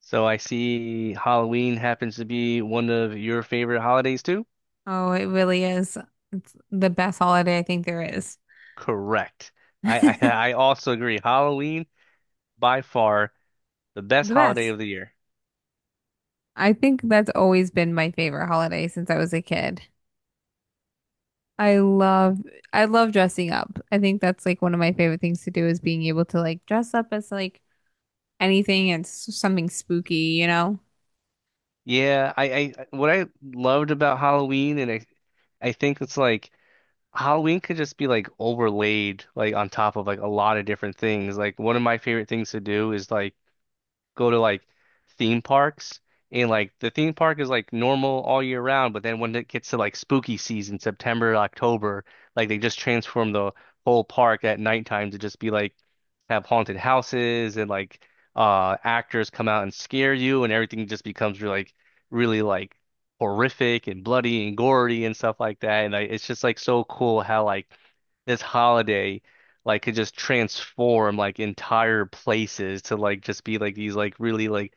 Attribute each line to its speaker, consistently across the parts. Speaker 1: So I see Halloween happens to be one of your favorite holidays too?
Speaker 2: Oh, it really is. It's the best holiday I think there is.
Speaker 1: Correct. I I also agree. Halloween, by far the best
Speaker 2: The
Speaker 1: holiday
Speaker 2: best.
Speaker 1: of the year.
Speaker 2: I think that's always been my favorite holiday since I was a kid. I love I love dressing up. I think that's like one of my favorite things to do is being able to like dress up as like anything and something spooky, you know?
Speaker 1: Yeah, I what I loved about Halloween, and I think it's like Halloween could just be like overlaid like on top of like a lot of different things. Like one of my favorite things to do is like go to like theme parks, and like the theme park is like normal all year round, but then when it gets to like spooky season, September, October, like they just transform the whole park at nighttime to just be like have haunted houses, and like actors come out and scare you, and everything just becomes really like horrific and bloody and gory and stuff like that. And like it's just like so cool how like this holiday like could just transform like entire places to like just be like these like really like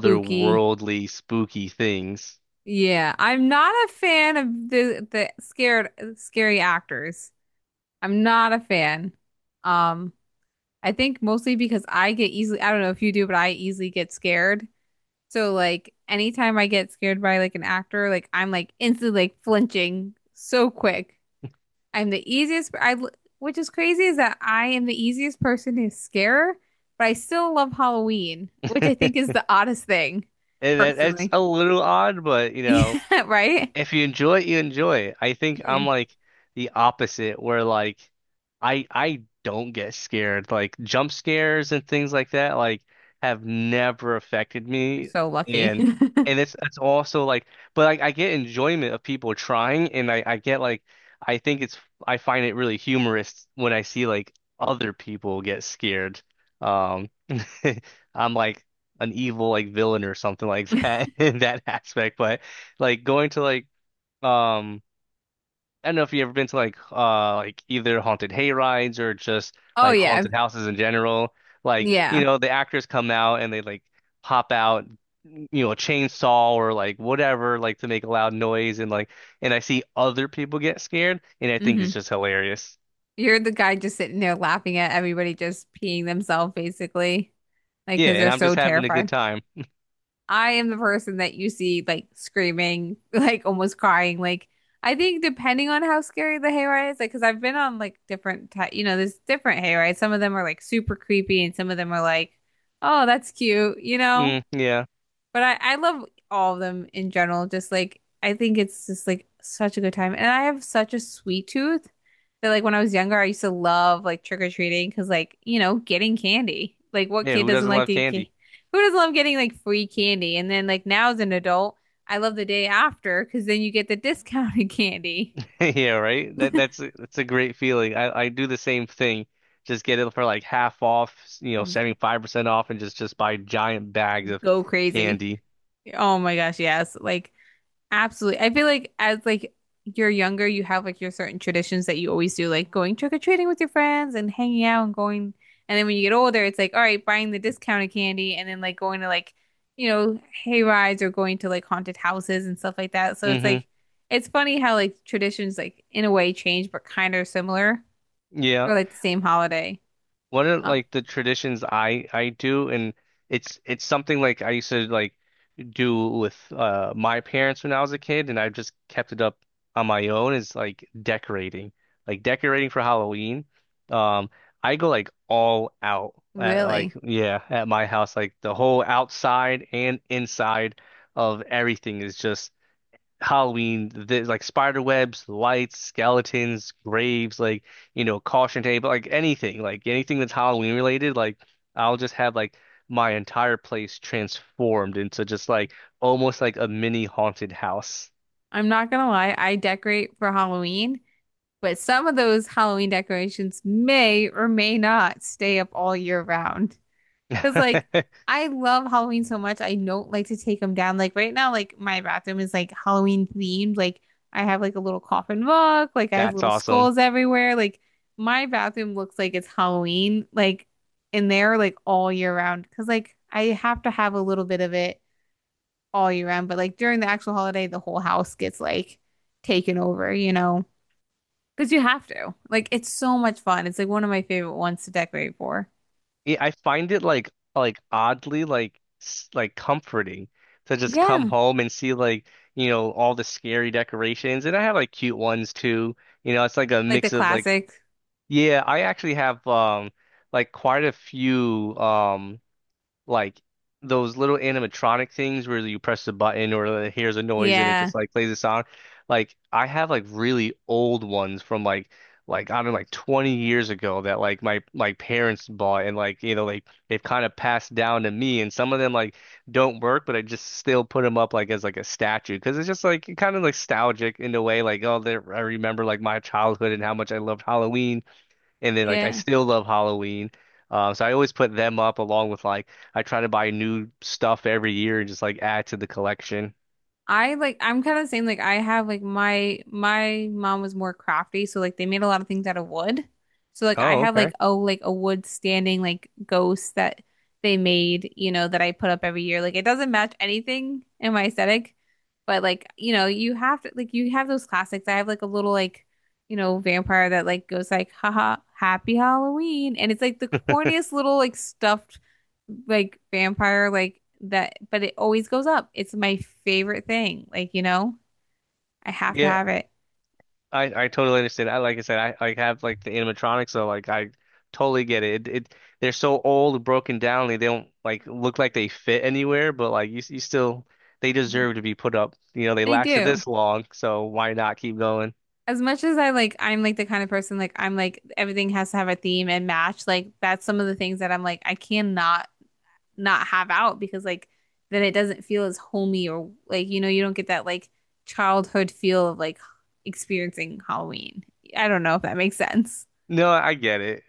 Speaker 2: Spooky.
Speaker 1: spooky things.
Speaker 2: Yeah, I'm not a fan of the scared scary actors. I'm not a fan. Um I think mostly because I get easily, I don't know if you do, but I easily get scared. So like anytime I get scared by like an actor, like I'm like instantly like flinching so quick. I'm the easiest, which is crazy is that I am the easiest person to scare, but I still love Halloween, which I think is the oddest thing,
Speaker 1: And that's
Speaker 2: personally.
Speaker 1: a little odd, but you know,
Speaker 2: Yeah, right?
Speaker 1: if you enjoy it, you enjoy it. I think I'm
Speaker 2: Yeah.
Speaker 1: like the opposite where like I don't get scared. Like jump scares and things like that like have never affected
Speaker 2: You're
Speaker 1: me,
Speaker 2: so lucky.
Speaker 1: and it's also like, but like I get enjoyment of people trying, and I get like, I think it's, I find it really humorous when I see like other people get scared. Um I'm like an evil like villain or something like that in that aspect, but like going to like um, I don't know if you've ever been to like either haunted hay rides or just
Speaker 2: Oh
Speaker 1: like
Speaker 2: yeah.
Speaker 1: haunted houses in general. Like,
Speaker 2: Yeah.
Speaker 1: you know, the actors come out and they like pop out, you know, a chainsaw or like whatever, like to make a loud noise, and like and I see other people get scared and I think
Speaker 2: Hmm.
Speaker 1: it's just hilarious.
Speaker 2: You're the guy just sitting there laughing at everybody just peeing themselves, basically, like
Speaker 1: Yeah,
Speaker 2: because
Speaker 1: and
Speaker 2: they're
Speaker 1: I'm
Speaker 2: so
Speaker 1: just having a good
Speaker 2: terrified.
Speaker 1: time.
Speaker 2: I am the person that you see like screaming, like almost crying. Like I think depending on how scary the hayride is, like because I've been on like different, ty you know, there's different hayrides. Some of them are like super creepy, and some of them are like, oh, that's cute, you know.
Speaker 1: Mm, yeah.
Speaker 2: But I love all of them in general. Just like I think it's just like such a good time. And I have such a sweet tooth that like when I was younger, I used to love like trick-or-treating because like, you know, getting candy. Like what
Speaker 1: Yeah,
Speaker 2: kid
Speaker 1: who
Speaker 2: doesn't
Speaker 1: doesn't
Speaker 2: like
Speaker 1: love
Speaker 2: to get
Speaker 1: candy?
Speaker 2: candy? Who doesn't love getting like free candy? And then like now as an adult, I love the day after because then you get the discounted candy.
Speaker 1: Yeah, right. That's a great feeling. I do the same thing. Just get it for like half off, you know, 75% off, and just buy giant bags of
Speaker 2: Go crazy.
Speaker 1: candy.
Speaker 2: Oh my gosh, yes. Like absolutely. I feel like as like you're younger, you have like your certain traditions that you always do, like going trick-or-treating with your friends and hanging out and going. And then when you get older, it's like, all right, buying the discounted candy and then like going to like, you know, hay rides or going to like haunted houses and stuff like that. So it's
Speaker 1: Hmm.
Speaker 2: like it's funny how like traditions like in a way change but kind of similar
Speaker 1: Yeah.
Speaker 2: for like the same holiday.
Speaker 1: One of
Speaker 2: Oh,
Speaker 1: like the traditions I do, and it's something like I used to like do with my parents when I was a kid, and I just kept it up on my own, is like decorating for Halloween. Um, I go like all out at like,
Speaker 2: really?
Speaker 1: yeah, at my house, like the whole outside and inside of everything is just Halloween, like spider webs, lights, skeletons, graves, like, you know, caution tape, like anything that's Halloween related, like I'll just have like my entire place transformed into just like almost like a mini haunted house.
Speaker 2: I'm not gonna lie, I decorate for Halloween, but some of those Halloween decorations may or may not stay up all year round. Because, like, I love Halloween so much. I don't like to take them down. Like, right now, like, my bathroom is like Halloween themed. Like, I have like a little coffin book, like, I have
Speaker 1: That's
Speaker 2: little
Speaker 1: awesome.
Speaker 2: skulls everywhere. Like, my bathroom looks like it's Halloween, like, in there, like, all year round. Because, like, I have to have a little bit of it all year round. But, like, during the actual holiday, the whole house gets like taken over, you know? Because you have to. Like, it's so much fun. It's like one of my favorite ones to decorate for.
Speaker 1: Yeah, I find it like oddly like like comforting to just come
Speaker 2: Yeah.
Speaker 1: home and see, like, you know, all the scary decorations, and I have like cute ones too. You know, it's like a
Speaker 2: Like the
Speaker 1: mix of like,
Speaker 2: classic.
Speaker 1: yeah, I actually have like quite a few like those little animatronic things where you press the button, or like, hears a noise and it
Speaker 2: Yeah.
Speaker 1: just like plays a sound. Like I have like really old ones from like I don't know like 20 years ago that like my parents bought, and like, you know, like they've kind of passed down to me, and some of them like don't work, but I just still put them up like as like a statue because it's just like kind of nostalgic in a way, like, oh, there, I remember like my childhood and how much I loved Halloween, and then like I
Speaker 2: Yeah.
Speaker 1: still love Halloween. So I always put them up along with, like, I try to buy new stuff every year and just like add to the collection.
Speaker 2: I like I'm kind of the same like I have like my mom was more crafty so like they made a lot of things out of wood. So like I
Speaker 1: Oh,
Speaker 2: have
Speaker 1: okay.
Speaker 2: like oh like a wood standing like ghost that they made, you know, that I put up every year. Like it doesn't match anything in my aesthetic, but like you know, you have to like you have those classics. I have like a little like you know vampire that like goes like haha happy Halloween and it's like the corniest little like stuffed like vampire like that, but it always goes up. It's my favorite thing. Like, you know, I have to
Speaker 1: Yeah,
Speaker 2: have it.
Speaker 1: I totally understand. I, like I said, I like have like the animatronics, so like I totally get it. They're so old and broken down, they don't like look like they fit anywhere, but like you still they deserve to be put up. You know, they
Speaker 2: They
Speaker 1: lasted
Speaker 2: do.
Speaker 1: this long, so why not keep going?
Speaker 2: As much as I like, I'm like the kind of person like I'm like everything has to have a theme and match. Like that's some of the things that I'm like I cannot not have out because like then it doesn't feel as homey or like you know you don't get that like childhood feel of like experiencing Halloween. I don't know if that makes sense,
Speaker 1: No, I get it.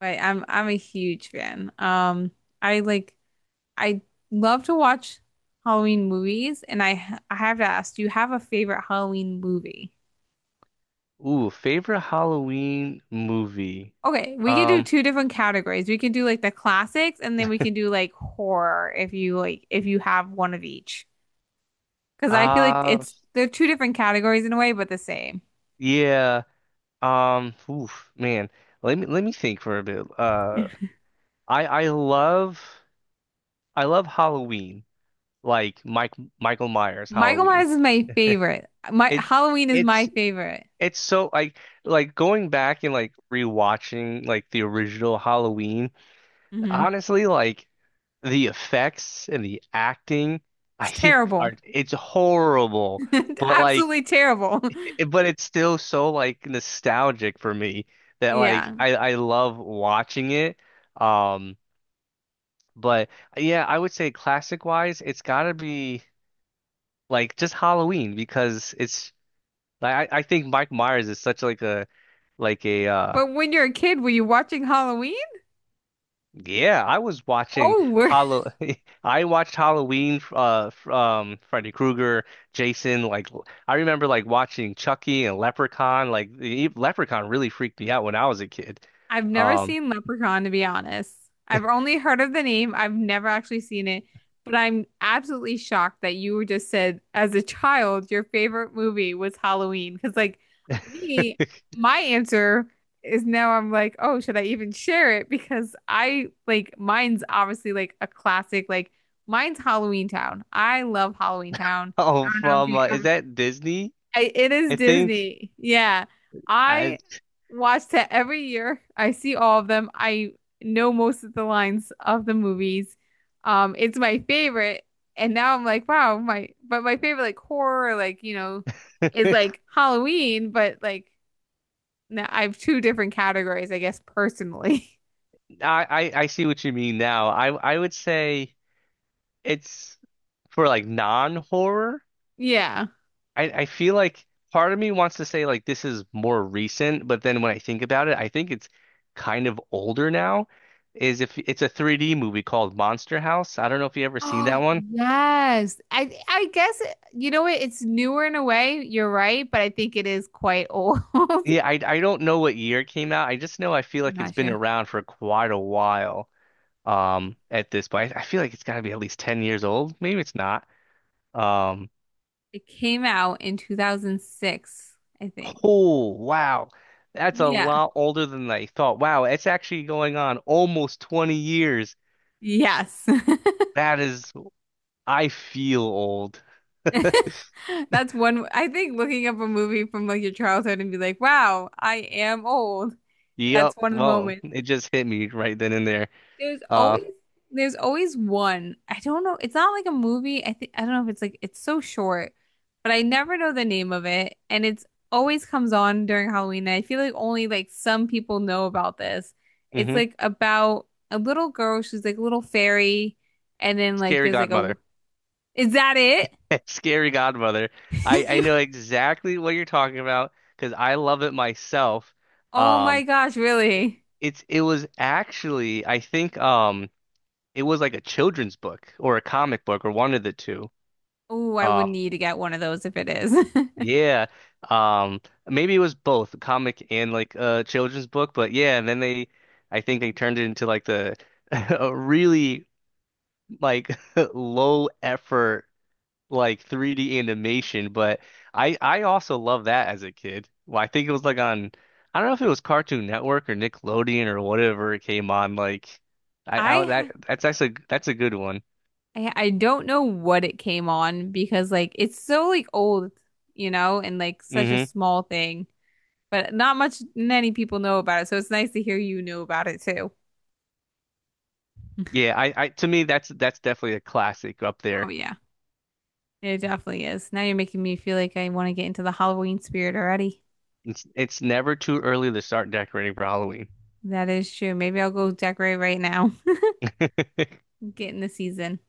Speaker 2: but I'm a huge fan. I like I love to watch Halloween movies, and I have to ask, do you have a favorite Halloween movie?
Speaker 1: Ooh, favorite Halloween movie.
Speaker 2: Okay, we can do
Speaker 1: Um,
Speaker 2: two different categories. We can do like the classics, and then we can do like horror if you like if you have one of each. Because I feel like
Speaker 1: Uh,
Speaker 2: it's they're two different categories in a way, but the same.
Speaker 1: yeah. Oof, man. Let me think for a bit. I I love I love Halloween. Like Mike Michael Myers
Speaker 2: Michael
Speaker 1: Halloween.
Speaker 2: Myers is my favorite. My
Speaker 1: It's
Speaker 2: Halloween is my
Speaker 1: it's
Speaker 2: favorite.
Speaker 1: it's so like going back and like rewatching like the original Halloween.
Speaker 2: Hmm.
Speaker 1: Honestly, like the effects and the acting, I
Speaker 2: It's
Speaker 1: think
Speaker 2: terrible.
Speaker 1: are, it's horrible. But like
Speaker 2: Absolutely terrible.
Speaker 1: it- but it's still so like nostalgic for me that like
Speaker 2: Yeah.
Speaker 1: I love watching it. Um, but yeah, I would say classic wise, it's gotta be like just Halloween because it's like I think Mike Myers is such like a like a,
Speaker 2: But when you're a kid, were you watching Halloween?
Speaker 1: yeah, I was watching
Speaker 2: Oh, we're.
Speaker 1: Hollow I watched Halloween, Freddy Krueger, Jason, like I remember like watching Chucky and Leprechaun, like the Leprechaun really freaked me out when I was a kid.
Speaker 2: I've never
Speaker 1: Um
Speaker 2: seen Leprechaun, to be honest. I've only heard of the name. I've never actually seen it, but I'm absolutely shocked that you just said, as a child, your favorite movie was Halloween. Because, like, me, my answer is now I'm like, oh, should I even share it? Because I like mine's obviously like a classic. Like, mine's Halloween Town. I love Halloween Town. I
Speaker 1: Oh,
Speaker 2: don't know if
Speaker 1: from
Speaker 2: you
Speaker 1: is
Speaker 2: ever
Speaker 1: that Disney?
Speaker 2: it is
Speaker 1: I think
Speaker 2: Disney. Yeah.
Speaker 1: I,
Speaker 2: I watch that every year. I see all of them. I know most of the lines of the movies. It's my favorite. And now I'm like, wow, my but my favorite like horror, like, you know, is
Speaker 1: I
Speaker 2: like Halloween, but like now I have two different categories, I guess personally.
Speaker 1: I see what you mean now. I would say it's for like non-horror.
Speaker 2: Yeah.
Speaker 1: I feel like part of me wants to say like this is more recent, but then when I think about it, I think it's kind of older now. Is, if it's a 3D movie called Monster House. I don't know if you ever seen
Speaker 2: Oh,
Speaker 1: that one.
Speaker 2: yes. I guess you know what? It's newer in a way. You're right, but I think it is quite old. I'm
Speaker 1: Yeah, I don't know what year it came out. I just know I feel like it's
Speaker 2: not
Speaker 1: been
Speaker 2: sure.
Speaker 1: around for quite a while at this point. I feel like it's got to be at least 10 years old. Maybe it's not. Um
Speaker 2: It came out in 2006, I think.
Speaker 1: oh wow. That's a
Speaker 2: Yeah.
Speaker 1: lot older than I thought. Wow, it's actually going on almost 20 years.
Speaker 2: Yes.
Speaker 1: That is, I feel old.
Speaker 2: That's one. I think looking up a movie from like your childhood and be like, wow, I am old. That's
Speaker 1: Yep.
Speaker 2: one of the
Speaker 1: Well,
Speaker 2: moments.
Speaker 1: it just hit me right then and there.
Speaker 2: There's
Speaker 1: Uh,
Speaker 2: always there's always one. I don't know. It's not like a movie. I think I don't know if it's like it's so short, but I never know the name of it, and it's always comes on during Halloween. And I feel like only like some people know about this. It's
Speaker 1: hmm
Speaker 2: like about a little girl. She's like a little fairy, and then like
Speaker 1: Scary
Speaker 2: there's like a.
Speaker 1: Godmother.
Speaker 2: Is that it?
Speaker 1: Scary Godmother. I
Speaker 2: You.
Speaker 1: know exactly what you're talking about because I love it myself.
Speaker 2: Oh my
Speaker 1: Um
Speaker 2: gosh!
Speaker 1: It-
Speaker 2: Really?
Speaker 1: it was actually, I think, it was like a children's book or a comic book or one of the two.
Speaker 2: Oh, I would
Speaker 1: Um
Speaker 2: need to get one of those if it is.
Speaker 1: yeah. Um maybe it was both a comic and like a children's book, but yeah, and then they I think they turned it into like the a really like low effort like 3D animation, but I also love that as a kid. Well, I think it was like on, I don't know if it was Cartoon Network or Nickelodeon or whatever it came on. Like I that
Speaker 2: I
Speaker 1: that's that's a that's a good one.
Speaker 2: I don't know what it came on because like it's so like old, you know, and like such a
Speaker 1: Hmm,
Speaker 2: small thing, but not much many people know about it. So it's nice to hear you know about it too.
Speaker 1: yeah, I to me that's definitely a classic up
Speaker 2: Oh
Speaker 1: there.
Speaker 2: yeah. It definitely is. Now you're making me feel like I want to get into the Halloween spirit already.
Speaker 1: It's never too early to start decorating for Halloween.
Speaker 2: That is true. Maybe I'll go decorate right now, get in the season.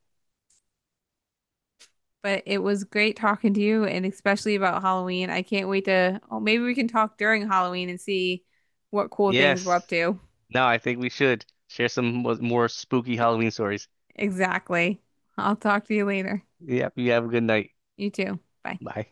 Speaker 2: But it was great talking to you and especially about Halloween. I can't wait to, oh, maybe we can talk during Halloween and see what cool things we're
Speaker 1: Yes.
Speaker 2: up to.
Speaker 1: No, I think we should share some more spooky Halloween stories.
Speaker 2: Exactly. I'll talk to you later.
Speaker 1: Yep, you have a good night.
Speaker 2: You too. Bye.
Speaker 1: Bye.